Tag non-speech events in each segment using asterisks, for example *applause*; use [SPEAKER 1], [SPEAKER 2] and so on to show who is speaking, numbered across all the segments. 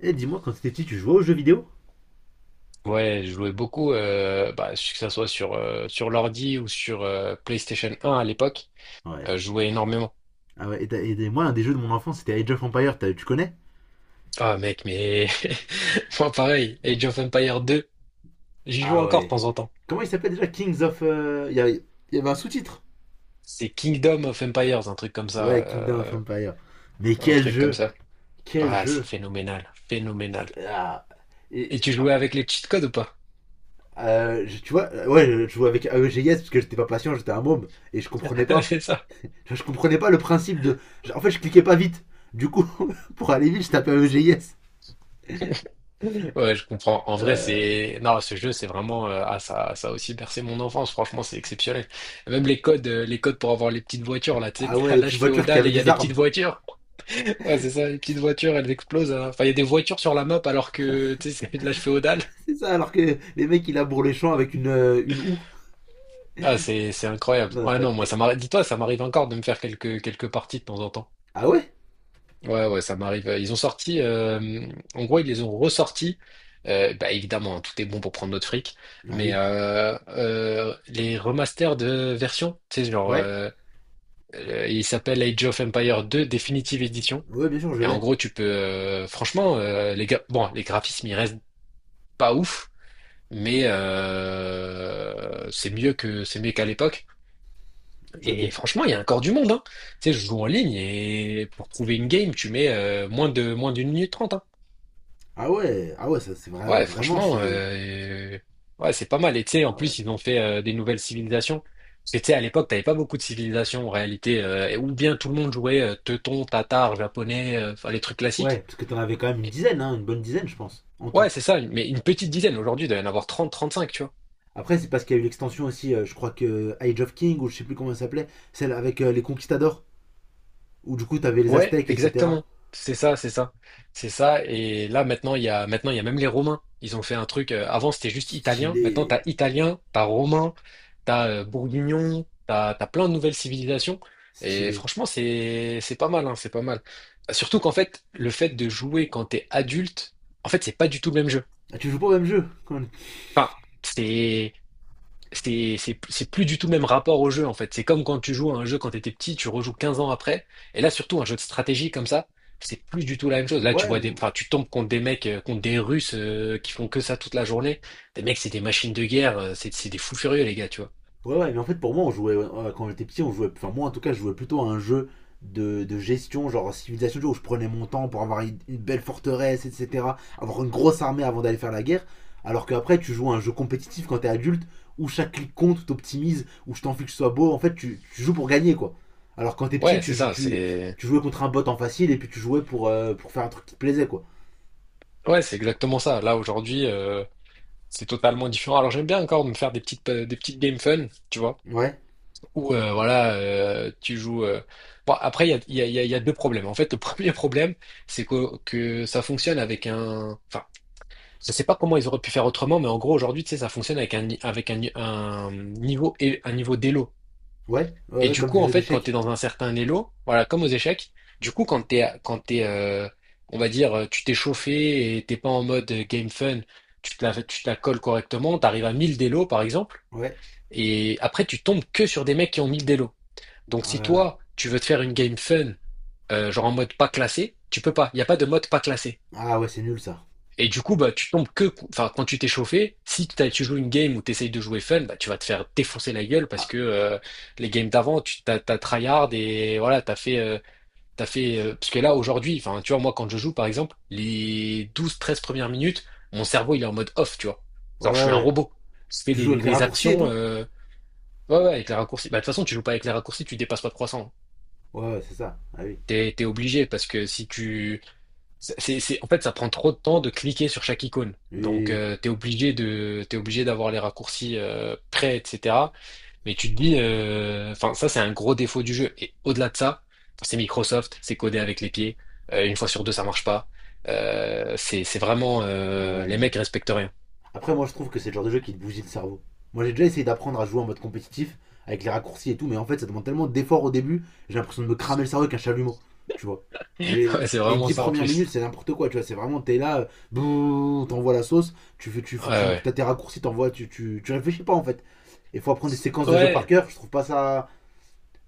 [SPEAKER 1] Eh, dis-moi, quand t'étais petit, tu jouais aux jeux vidéo?
[SPEAKER 2] Ouais, je jouais beaucoup, que ça soit sur, sur l'ordi ou sur PlayStation 1 à l'époque,
[SPEAKER 1] Ouais.
[SPEAKER 2] je jouais énormément.
[SPEAKER 1] Ah ouais, et, et moi, un des jeux de mon enfance, c'était Age of Empire, tu connais?
[SPEAKER 2] Ah mec, mais *laughs* moi pareil, Age of Empires 2, j'y joue
[SPEAKER 1] Ah
[SPEAKER 2] encore de
[SPEAKER 1] ouais.
[SPEAKER 2] temps en temps.
[SPEAKER 1] Comment il s'appelle déjà, Kings of? Il y avait un sous-titre?
[SPEAKER 2] C'est Kingdom of Empires, un truc comme ça,
[SPEAKER 1] Ouais, Kingdom of Empire. Mais
[SPEAKER 2] un
[SPEAKER 1] quel
[SPEAKER 2] truc comme
[SPEAKER 1] jeu!
[SPEAKER 2] ça.
[SPEAKER 1] Quel
[SPEAKER 2] Ah, c'est
[SPEAKER 1] jeu!
[SPEAKER 2] phénoménal, phénoménal.
[SPEAKER 1] Ah.
[SPEAKER 2] Et
[SPEAKER 1] Et,
[SPEAKER 2] tu
[SPEAKER 1] ah,
[SPEAKER 2] jouais avec les cheat codes ou pas?
[SPEAKER 1] Tu vois, ouais, je jouais avec AEGS parce que j'étais pas patient, j'étais un môme, et je comprenais
[SPEAKER 2] *laughs*
[SPEAKER 1] pas.
[SPEAKER 2] C'est ça.
[SPEAKER 1] Je comprenais pas le principe de. En fait, je cliquais pas vite. Du coup, *laughs* pour aller vite, je tapais AEGS.
[SPEAKER 2] Ouais, je comprends. En vrai,
[SPEAKER 1] Euh,
[SPEAKER 2] c'est... Non, ce jeu, c'est vraiment... Ah, ça a aussi bercé mon enfance. Franchement, c'est exceptionnel. Même les codes, les codes pour avoir les petites voitures, là, tu sais,
[SPEAKER 1] Ah
[SPEAKER 2] *laughs*
[SPEAKER 1] ouais,
[SPEAKER 2] à
[SPEAKER 1] les petites
[SPEAKER 2] l'âge
[SPEAKER 1] voitures qui
[SPEAKER 2] féodal, et
[SPEAKER 1] avaient
[SPEAKER 2] il y a
[SPEAKER 1] des
[SPEAKER 2] des petites
[SPEAKER 1] armes.
[SPEAKER 2] voitures. *laughs* Ouais, c'est ça, les petites voitures, elles explosent, hein. Enfin, il y a des voitures sur la map alors que, tu sais, c'est de l'âge féodal.
[SPEAKER 1] C'est ça, alors que les mecs, ils labourent les champs avec une houe.
[SPEAKER 2] Ah, c'est incroyable.
[SPEAKER 1] Non,
[SPEAKER 2] Ouais,
[SPEAKER 1] c'est.
[SPEAKER 2] non, moi, ça m'arrive... Dis-toi, ça m'arrive encore de me faire quelques parties de temps en temps.
[SPEAKER 1] Ah ouais.
[SPEAKER 2] Ouais, ouais, ça m'arrive. Ils ont sorti, en gros, ils les ont ressortis. Évidemment, hein, tout est bon pour prendre notre fric,
[SPEAKER 1] Ah
[SPEAKER 2] mais
[SPEAKER 1] oui.
[SPEAKER 2] euh, euh, les remasters de versions, tu sais, genre,
[SPEAKER 1] Ouais.
[SPEAKER 2] il s'appelle Age of Empire 2 Definitive Edition.
[SPEAKER 1] Ouais, bien sûr, je
[SPEAKER 2] Et en
[SPEAKER 1] l'ai.
[SPEAKER 2] gros, tu peux, franchement, bon, les graphismes, ils restent pas ouf, mais c'est mieux que c'est mieux qu'à l'époque.
[SPEAKER 1] Ok.
[SPEAKER 2] Et franchement, il y a encore du monde, hein. Tu sais, je joue en ligne et pour trouver une game, tu mets moins d'une minute trente, hein.
[SPEAKER 1] Ah ouais, ah ouais, ça c'est vrai,
[SPEAKER 2] Ouais,
[SPEAKER 1] vraiment,
[SPEAKER 2] franchement,
[SPEAKER 1] c'est.
[SPEAKER 2] ouais, c'est pas mal. Et tu sais, en
[SPEAKER 1] Ah ouais.
[SPEAKER 2] plus, ils ont fait des nouvelles civilisations. Parce que tu sais, à l'époque, t'avais pas beaucoup de civilisations en réalité, ou bien tout le monde jouait teuton, tatar, japonais, enfin les trucs classiques.
[SPEAKER 1] Ouais, parce que t'en avais quand même une dizaine, hein, une bonne dizaine, je pense, en tout.
[SPEAKER 2] Ouais, c'est ça, mais une petite dizaine. Aujourd'hui, il doit y en avoir 30, 35, tu vois.
[SPEAKER 1] Après, c'est parce qu'il y a eu l'extension aussi, je crois que Age of King, ou je sais plus comment elle s'appelait, celle avec les conquistadors, où du coup t'avais les
[SPEAKER 2] Ouais,
[SPEAKER 1] aztèques, etc.
[SPEAKER 2] exactement. C'est ça, c'est ça. C'est ça. Et là, maintenant, maintenant, il y a même les Romains. Ils ont fait un truc. Avant, c'était juste italien.
[SPEAKER 1] Stylé.
[SPEAKER 2] Maintenant, t'as italien, t'as romain, t'as bourguignon, t'as plein de nouvelles civilisations. Et
[SPEAKER 1] Stylé.
[SPEAKER 2] franchement, c'est pas mal, hein, c'est pas mal. Surtout qu'en fait, le fait de jouer quand t'es adulte, en fait, c'est pas du tout le même jeu.
[SPEAKER 1] Ah, tu joues pas au même jeu quand même.
[SPEAKER 2] Enfin, c'est, c'est plus du tout le même rapport au jeu en fait. C'est comme quand tu joues à un jeu quand tu étais petit, tu rejoues 15 ans après. Et là, surtout un jeu de stratégie comme ça, c'est plus du tout la même chose. Là,
[SPEAKER 1] Ouais,
[SPEAKER 2] enfin, tu tombes contre des mecs, contre des Russes qui font que ça toute la journée. Des mecs, c'est des machines de guerre, c'est des fous furieux les gars, tu vois.
[SPEAKER 1] ouais, ouais, mais en fait, pour moi, on jouait, quand j'étais petit, on jouait, enfin, moi en tout cas, je jouais plutôt à un jeu de gestion, genre civilisation, où je prenais mon temps pour avoir une belle forteresse, etc., avoir une grosse armée avant d'aller faire la guerre, alors qu'après, tu joues à un jeu compétitif quand t'es adulte, où chaque clic compte, où t'optimises, où je t'en fiche que ce soit beau, en fait, tu joues pour gagner, quoi. Alors quand t'es petit,
[SPEAKER 2] Ouais,
[SPEAKER 1] tu,
[SPEAKER 2] c'est
[SPEAKER 1] jou-
[SPEAKER 2] ça,
[SPEAKER 1] tu,
[SPEAKER 2] c'est
[SPEAKER 1] tu jouais contre un bot en facile, et puis tu jouais pour faire un truc qui te plaisait, quoi.
[SPEAKER 2] ouais, c'est exactement ça. Là aujourd'hui, c'est totalement différent. Alors j'aime bien encore me faire des petites games fun, tu vois.
[SPEAKER 1] Ouais,
[SPEAKER 2] Ou voilà, tu joues. Bon, après, il y a, il y a- il y a- il y a deux problèmes. En fait, le *laughs* premier problème, c'est que ça fonctionne avec un. Enfin, je sais pas comment ils auraient pu faire autrement, mais en gros, aujourd'hui, tu sais, ça fonctionne avec un, ni- un niveau et un niveau d'élo.
[SPEAKER 1] ouais, ouais,
[SPEAKER 2] Et
[SPEAKER 1] ouais,
[SPEAKER 2] du
[SPEAKER 1] comme
[SPEAKER 2] coup,
[SPEAKER 1] des
[SPEAKER 2] en
[SPEAKER 1] jeux
[SPEAKER 2] fait, quand tu es
[SPEAKER 1] d'échecs.
[SPEAKER 2] dans un certain élo, voilà, comme aux échecs, du coup, quand t'es, on va dire, tu t'es chauffé et t'es pas en mode game fun, tu te la colles correctement, t'arrives à 1000 d'élo, par exemple,
[SPEAKER 1] Ouais.
[SPEAKER 2] et après, tu tombes que sur des mecs qui ont 1000 d'élo. Donc si
[SPEAKER 1] Euh,
[SPEAKER 2] toi, tu veux te faire une game fun, genre en mode pas classé, tu peux pas. Il n'y a pas de mode pas classé.
[SPEAKER 1] Ah ouais, c'est nul ça.
[SPEAKER 2] Et du coup, bah, enfin, quand tu t'es chauffé, si t'as- tu joues une game où tu essayes de jouer fun, bah, tu vas te faire défoncer la gueule parce
[SPEAKER 1] Ah,
[SPEAKER 2] que euh, les games d'avant, tu t'as, tryhard et voilà, t'as fait, parce que là, aujourd'hui, enfin, tu vois, moi, quand je joue, par exemple, les 12 13 premières minutes, mon cerveau, il est en mode off, tu vois. Genre, je
[SPEAKER 1] ouais,
[SPEAKER 2] suis un
[SPEAKER 1] ouais.
[SPEAKER 2] robot. Je fais
[SPEAKER 1] Tu joues avec les
[SPEAKER 2] des
[SPEAKER 1] raccourcis et
[SPEAKER 2] actions,
[SPEAKER 1] tout?
[SPEAKER 2] ouais, ouais, avec les raccourcis. Bah, de toute façon, tu joues pas avec les raccourcis, tu dépasses pas 300.
[SPEAKER 1] Ouais, ouais, c'est ça. Ah oui.
[SPEAKER 2] T'es obligé parce que si tu, en fait, ça prend trop de temps de cliquer sur chaque icône.
[SPEAKER 1] Oui,
[SPEAKER 2] Donc,
[SPEAKER 1] oui,
[SPEAKER 2] t'es obligé d'avoir les raccourcis prêts, etc. Mais tu te dis, enfin, ça, c'est un gros défaut du jeu. Et au-delà de ça, c'est Microsoft, c'est codé avec les pieds. Une fois sur deux, ça marche pas. C'est vraiment,
[SPEAKER 1] oui. Ouais.
[SPEAKER 2] les mecs respectent rien.
[SPEAKER 1] Après, moi, je trouve que c'est le genre de jeu qui te bousille le cerveau. Moi, j'ai déjà essayé d'apprendre à jouer en mode compétitif avec les raccourcis et tout, mais en fait, ça demande tellement d'efforts au début, j'ai l'impression de me cramer le cerveau avec un chalumeau. Tu vois,
[SPEAKER 2] *laughs* Ouais,
[SPEAKER 1] les,
[SPEAKER 2] c'est
[SPEAKER 1] les
[SPEAKER 2] vraiment
[SPEAKER 1] 10
[SPEAKER 2] ça en
[SPEAKER 1] premières
[SPEAKER 2] plus.
[SPEAKER 1] minutes, c'est n'importe quoi, tu vois. C'est vraiment, t'es là, bouh, t'envoies la sauce, tu fais,
[SPEAKER 2] Ouais,
[SPEAKER 1] t'as tes raccourcis, t'envoies, tu réfléchis pas en fait. Il faut apprendre des séquences
[SPEAKER 2] ouais.
[SPEAKER 1] de jeu par
[SPEAKER 2] Ouais.
[SPEAKER 1] cœur, je trouve pas ça.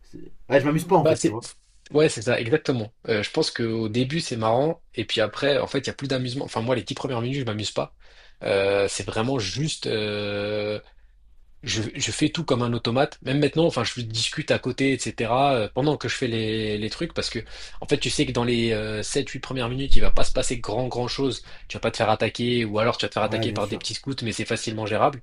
[SPEAKER 1] Ouais, je m'amuse pas en
[SPEAKER 2] Bah
[SPEAKER 1] fait, tu
[SPEAKER 2] c'est
[SPEAKER 1] vois.
[SPEAKER 2] Ouais, c'est ça exactement. Je pense qu'au début c'est marrant et puis après en fait il y a plus d'amusement. Enfin moi les 10 premières minutes je m'amuse pas. C'est vraiment juste je fais tout comme un automate. Même maintenant enfin je discute à côté etc. Pendant que je fais les trucs parce que en fait tu sais que dans les 7 8 premières minutes il va pas se passer grand grand chose. Tu vas pas te faire attaquer ou alors tu vas te faire
[SPEAKER 1] Ouais,
[SPEAKER 2] attaquer
[SPEAKER 1] bien
[SPEAKER 2] par des
[SPEAKER 1] sûr.
[SPEAKER 2] petits scouts mais c'est facilement gérable.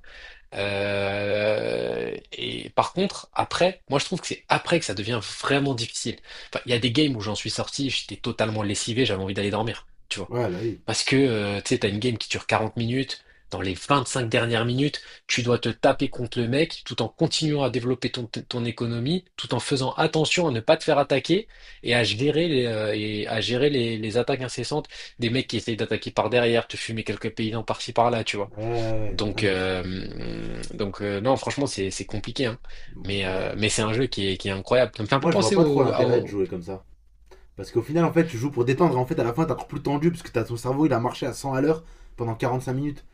[SPEAKER 2] Et par contre, après, moi je trouve que c'est après que ça devient vraiment difficile. Enfin, il y a des games où j'en suis sorti, j'étais totalement lessivé, j'avais envie d'aller dormir, tu vois.
[SPEAKER 1] Ouais, bah oui.
[SPEAKER 2] Parce que, tu sais, t'as une game qui dure 40 minutes, dans les 25 dernières minutes, tu dois te taper contre le mec tout en continuant à développer ton économie, tout en faisant attention à ne pas te faire attaquer et à gérer les, et à gérer les attaques incessantes des mecs qui essayent d'attaquer par derrière, te fumer quelques paysans par-ci par-là, tu vois.
[SPEAKER 1] Ouais, ouais, ouais. Non,
[SPEAKER 2] Donc,
[SPEAKER 1] mais.
[SPEAKER 2] non, franchement, c'est compliqué, hein.
[SPEAKER 1] Ouais,
[SPEAKER 2] Mais c'est un jeu qui est incroyable. Ça me fait un peu
[SPEAKER 1] moi, je vois
[SPEAKER 2] penser
[SPEAKER 1] pas trop
[SPEAKER 2] au, à-
[SPEAKER 1] l'intérêt de
[SPEAKER 2] au-
[SPEAKER 1] jouer comme ça. Parce qu'au final, en fait, tu joues pour détendre et en fait, à la fin, t'es encore plus tendu parce que t'as ton cerveau, il a marché à 100 à l'heure pendant 45 minutes.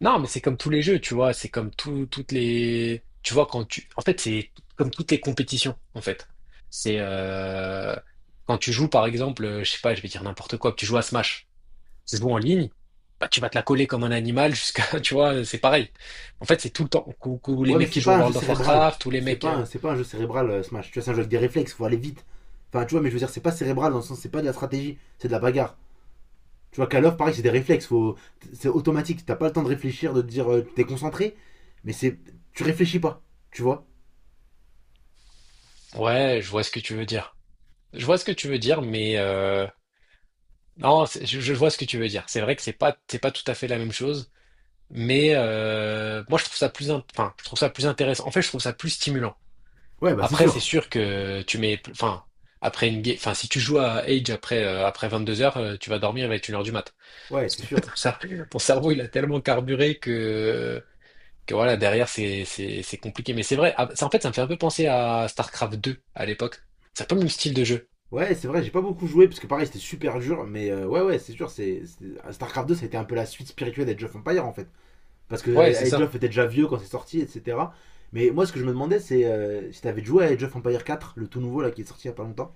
[SPEAKER 2] Non, mais c'est comme tous les jeux, tu vois. C'est comme tout, toutes les... Tu vois, quand tu... En fait, c'est comme toutes les compétitions, en fait. C'est... Quand tu joues, par exemple, je sais pas, je vais dire n'importe quoi, tu joues à Smash, ça se en ligne, bah, tu vas te la coller comme un animal jusqu'à... *laughs* Tu vois, c'est pareil. En fait, c'est tout le temps. Tous les
[SPEAKER 1] Ouais, mais
[SPEAKER 2] mecs qui
[SPEAKER 1] c'est
[SPEAKER 2] jouent à
[SPEAKER 1] pas un jeu
[SPEAKER 2] World of
[SPEAKER 1] cérébral.
[SPEAKER 2] Warcraft, tous les
[SPEAKER 1] C'est
[SPEAKER 2] mecs...
[SPEAKER 1] pas, c'est pas un jeu cérébral, Smash. Tu vois, c'est un jeu avec des réflexes, faut aller vite. Enfin, tu vois, mais je veux dire, c'est pas cérébral dans le sens, c'est pas de la stratégie, c'est de la bagarre. Tu vois, Call of, pareil, c'est des réflexes, faut. C'est automatique. T'as pas le temps de réfléchir, de te dire, t'es concentré, mais c'est. Tu réfléchis pas, tu vois.
[SPEAKER 2] Ouais, je vois ce que tu veux dire. Je vois ce que tu veux dire, mais non, je vois ce que tu veux dire. C'est vrai que c'est pas tout à fait la même chose, mais moi je trouve ça plus, enfin, je trouve ça plus intéressant. En fait, je trouve ça plus stimulant.
[SPEAKER 1] Ouais, bah c'est
[SPEAKER 2] Après, c'est
[SPEAKER 1] sûr.
[SPEAKER 2] sûr que tu mets, enfin, enfin, si tu joues à Age après 2 heures, tu vas dormir avec 1 heure du mat.
[SPEAKER 1] Ouais,
[SPEAKER 2] Parce
[SPEAKER 1] c'est
[SPEAKER 2] que *laughs*
[SPEAKER 1] sûr.
[SPEAKER 2] ton cerveau, il a tellement carburé que voilà, derrière c'est compliqué. Mais c'est vrai, ah, ça, en fait, ça me fait un peu penser à StarCraft 2 à l'époque. C'est un peu le même style de jeu.
[SPEAKER 1] Ouais, c'est vrai, j'ai pas beaucoup joué parce que pareil, c'était super dur, mais ouais, ouais, c'est sûr, StarCraft 2, ça a été un peu la suite spirituelle d'Age of Empire en fait. Parce que
[SPEAKER 2] Ouais, c'est
[SPEAKER 1] Age
[SPEAKER 2] ça.
[SPEAKER 1] of était déjà vieux quand c'est sorti, etc. Mais moi, ce que je me demandais, c'est si t'avais joué à Age of Empire 4, le tout nouveau là qui est sorti il y a pas longtemps.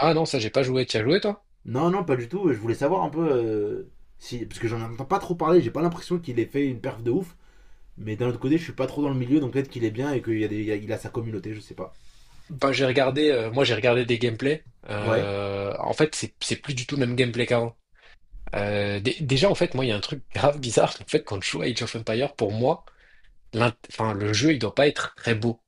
[SPEAKER 2] Ah non, ça j'ai pas joué, t'y as joué toi?
[SPEAKER 1] Non, non, pas du tout, je voulais savoir un peu si. Parce que j'en entends pas trop parler, j'ai pas l'impression qu'il ait fait une perf de ouf. Mais d'un autre côté, je suis pas trop dans le milieu, donc peut-être qu'il est bien et qu'il y a des- il y a- il a sa communauté, je sais pas.
[SPEAKER 2] Bah j'ai regardé, moi j'ai regardé des gameplays.
[SPEAKER 1] Ouais.
[SPEAKER 2] En fait, c'est plus du tout le même gameplay qu'avant. Déjà en fait, moi il y a un truc *laughs* grave bizarre. En fait, quand je joue à Age of Empires, pour moi, enfin le jeu il doit pas être très beau.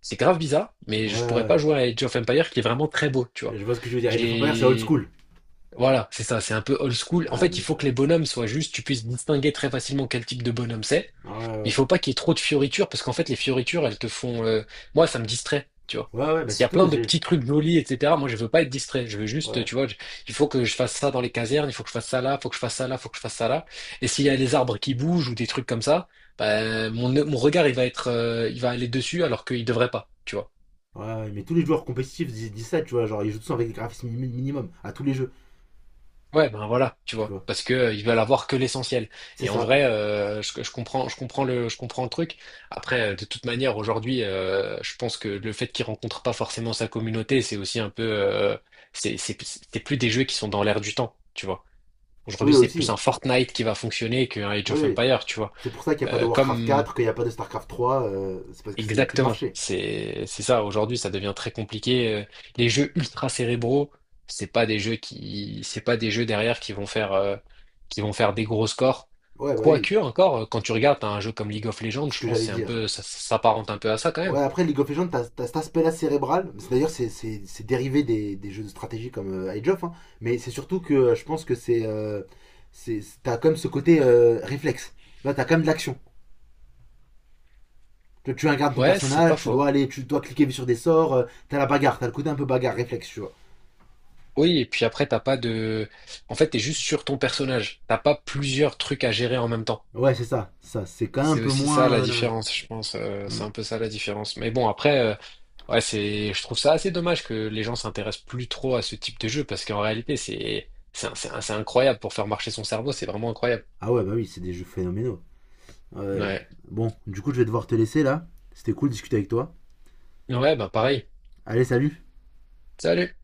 [SPEAKER 2] C'est grave bizarre, mais
[SPEAKER 1] Ouais,
[SPEAKER 2] je pourrais
[SPEAKER 1] ouais,
[SPEAKER 2] pas jouer à Age of Empires qui est vraiment très beau, tu vois.
[SPEAKER 1] ouais. Je vois ce que je veux dire. Age of Empire, c'est old
[SPEAKER 2] J'ai
[SPEAKER 1] school.
[SPEAKER 2] Voilà, c'est ça, c'est un peu old school. En
[SPEAKER 1] Ouais,
[SPEAKER 2] fait, il
[SPEAKER 1] bien
[SPEAKER 2] faut
[SPEAKER 1] sûr.
[SPEAKER 2] que les bonhommes soient justes, tu puisses distinguer très facilement quel type de bonhomme c'est.
[SPEAKER 1] Ouais, ouais.
[SPEAKER 2] Mais il
[SPEAKER 1] Ouais.
[SPEAKER 2] faut pas qu'il y ait trop de fioritures, parce qu'en fait, les fioritures, elles te font... Moi, ça me distrait, tu vois.
[SPEAKER 1] Ouais, ouais, bah
[SPEAKER 2] S'il y
[SPEAKER 1] c'est
[SPEAKER 2] a
[SPEAKER 1] tout.
[SPEAKER 2] plein de petits trucs jolis, etc., moi, je veux pas être distrait. Je veux juste,
[SPEAKER 1] Ouais.
[SPEAKER 2] tu vois, il faut que je fasse ça dans les casernes, il faut que je fasse ça là, il faut que je fasse ça là, il faut que je fasse ça là. Et s'il y a des arbres qui bougent ou des trucs comme ça, ben, mon regard, il va aller dessus alors qu'il devrait pas, tu vois.
[SPEAKER 1] Ouais, ouais, mais tous les joueurs compétitifs disent ça, tu vois. Genre, ils jouent tous avec des graphismes mini- minimum à tous les jeux,
[SPEAKER 2] Ouais, ben voilà, tu
[SPEAKER 1] tu
[SPEAKER 2] vois,
[SPEAKER 1] vois.
[SPEAKER 2] parce que ils veulent avoir que l'essentiel.
[SPEAKER 1] C'est
[SPEAKER 2] Et en
[SPEAKER 1] ça.
[SPEAKER 2] vrai, je comprends, je comprends le truc. Après, de toute manière, aujourd'hui, je pense que le fait qu'il rencontre pas forcément sa communauté, c'est aussi un peu, c'est plus des jeux qui sont dans l'air du temps, tu vois.
[SPEAKER 1] Oui,
[SPEAKER 2] Aujourd'hui, c'est plus
[SPEAKER 1] aussi.
[SPEAKER 2] un Fortnite qui va fonctionner qu'un Age of
[SPEAKER 1] Oui.
[SPEAKER 2] Empires, tu vois.
[SPEAKER 1] C'est pour ça qu'il n'y a pas de Warcraft
[SPEAKER 2] Comme
[SPEAKER 1] 4, qu'il n'y a pas de Starcraft 3. C'est parce qu'il n'y a plus de
[SPEAKER 2] Exactement.
[SPEAKER 1] marché.
[SPEAKER 2] C'est ça. Aujourd'hui, ça devient très compliqué. Les jeux ultra cérébraux, c'est pas des jeux derrière qui vont faire des gros scores.
[SPEAKER 1] Ouais, bah oui.
[SPEAKER 2] Quoique encore, quand tu regardes t'as un jeu comme League of Legends,
[SPEAKER 1] C'est ce
[SPEAKER 2] je
[SPEAKER 1] que
[SPEAKER 2] pense que
[SPEAKER 1] j'allais
[SPEAKER 2] c'est un
[SPEAKER 1] dire.
[SPEAKER 2] peu ça. Ça s'apparente un peu à ça quand même.
[SPEAKER 1] Ouais, après, League of Legends, t'as cet aspect-là cérébral. D'ailleurs, c'est dérivé des jeux de stratégie comme Age of, hein. Mais c'est surtout que je pense que c'est. T'as quand même ce côté réflexe. Là, t'as quand même de l'action. Tu incarnes ton
[SPEAKER 2] Ouais, c'est pas
[SPEAKER 1] personnage, tu
[SPEAKER 2] faux.
[SPEAKER 1] dois aller, tu dois cliquer sur des sorts, t'as la bagarre, t'as le côté un peu bagarre, réflexe, tu vois.
[SPEAKER 2] Oui, et puis après t'as pas de en fait t'es juste sur ton personnage. T'as pas plusieurs trucs à gérer en même temps.
[SPEAKER 1] Ouais, c'est ça, ça, c'est quand même un
[SPEAKER 2] C'est
[SPEAKER 1] peu
[SPEAKER 2] aussi ça
[SPEAKER 1] moins.
[SPEAKER 2] la différence, je pense.
[SPEAKER 1] Hmm.
[SPEAKER 2] C'est un peu ça la différence. Mais bon, après, ouais, je trouve ça assez dommage que les gens s'intéressent plus trop à ce type de jeu parce qu'en réalité, c'est incroyable pour faire marcher son cerveau. C'est vraiment incroyable.
[SPEAKER 1] Ah ouais, bah oui, c'est des jeux phénoménaux. Ouais.
[SPEAKER 2] Ouais.
[SPEAKER 1] Bon, du coup, je vais devoir te laisser là. C'était cool de discuter avec toi.
[SPEAKER 2] Ouais, bah pareil.
[SPEAKER 1] Allez, salut!
[SPEAKER 2] Salut.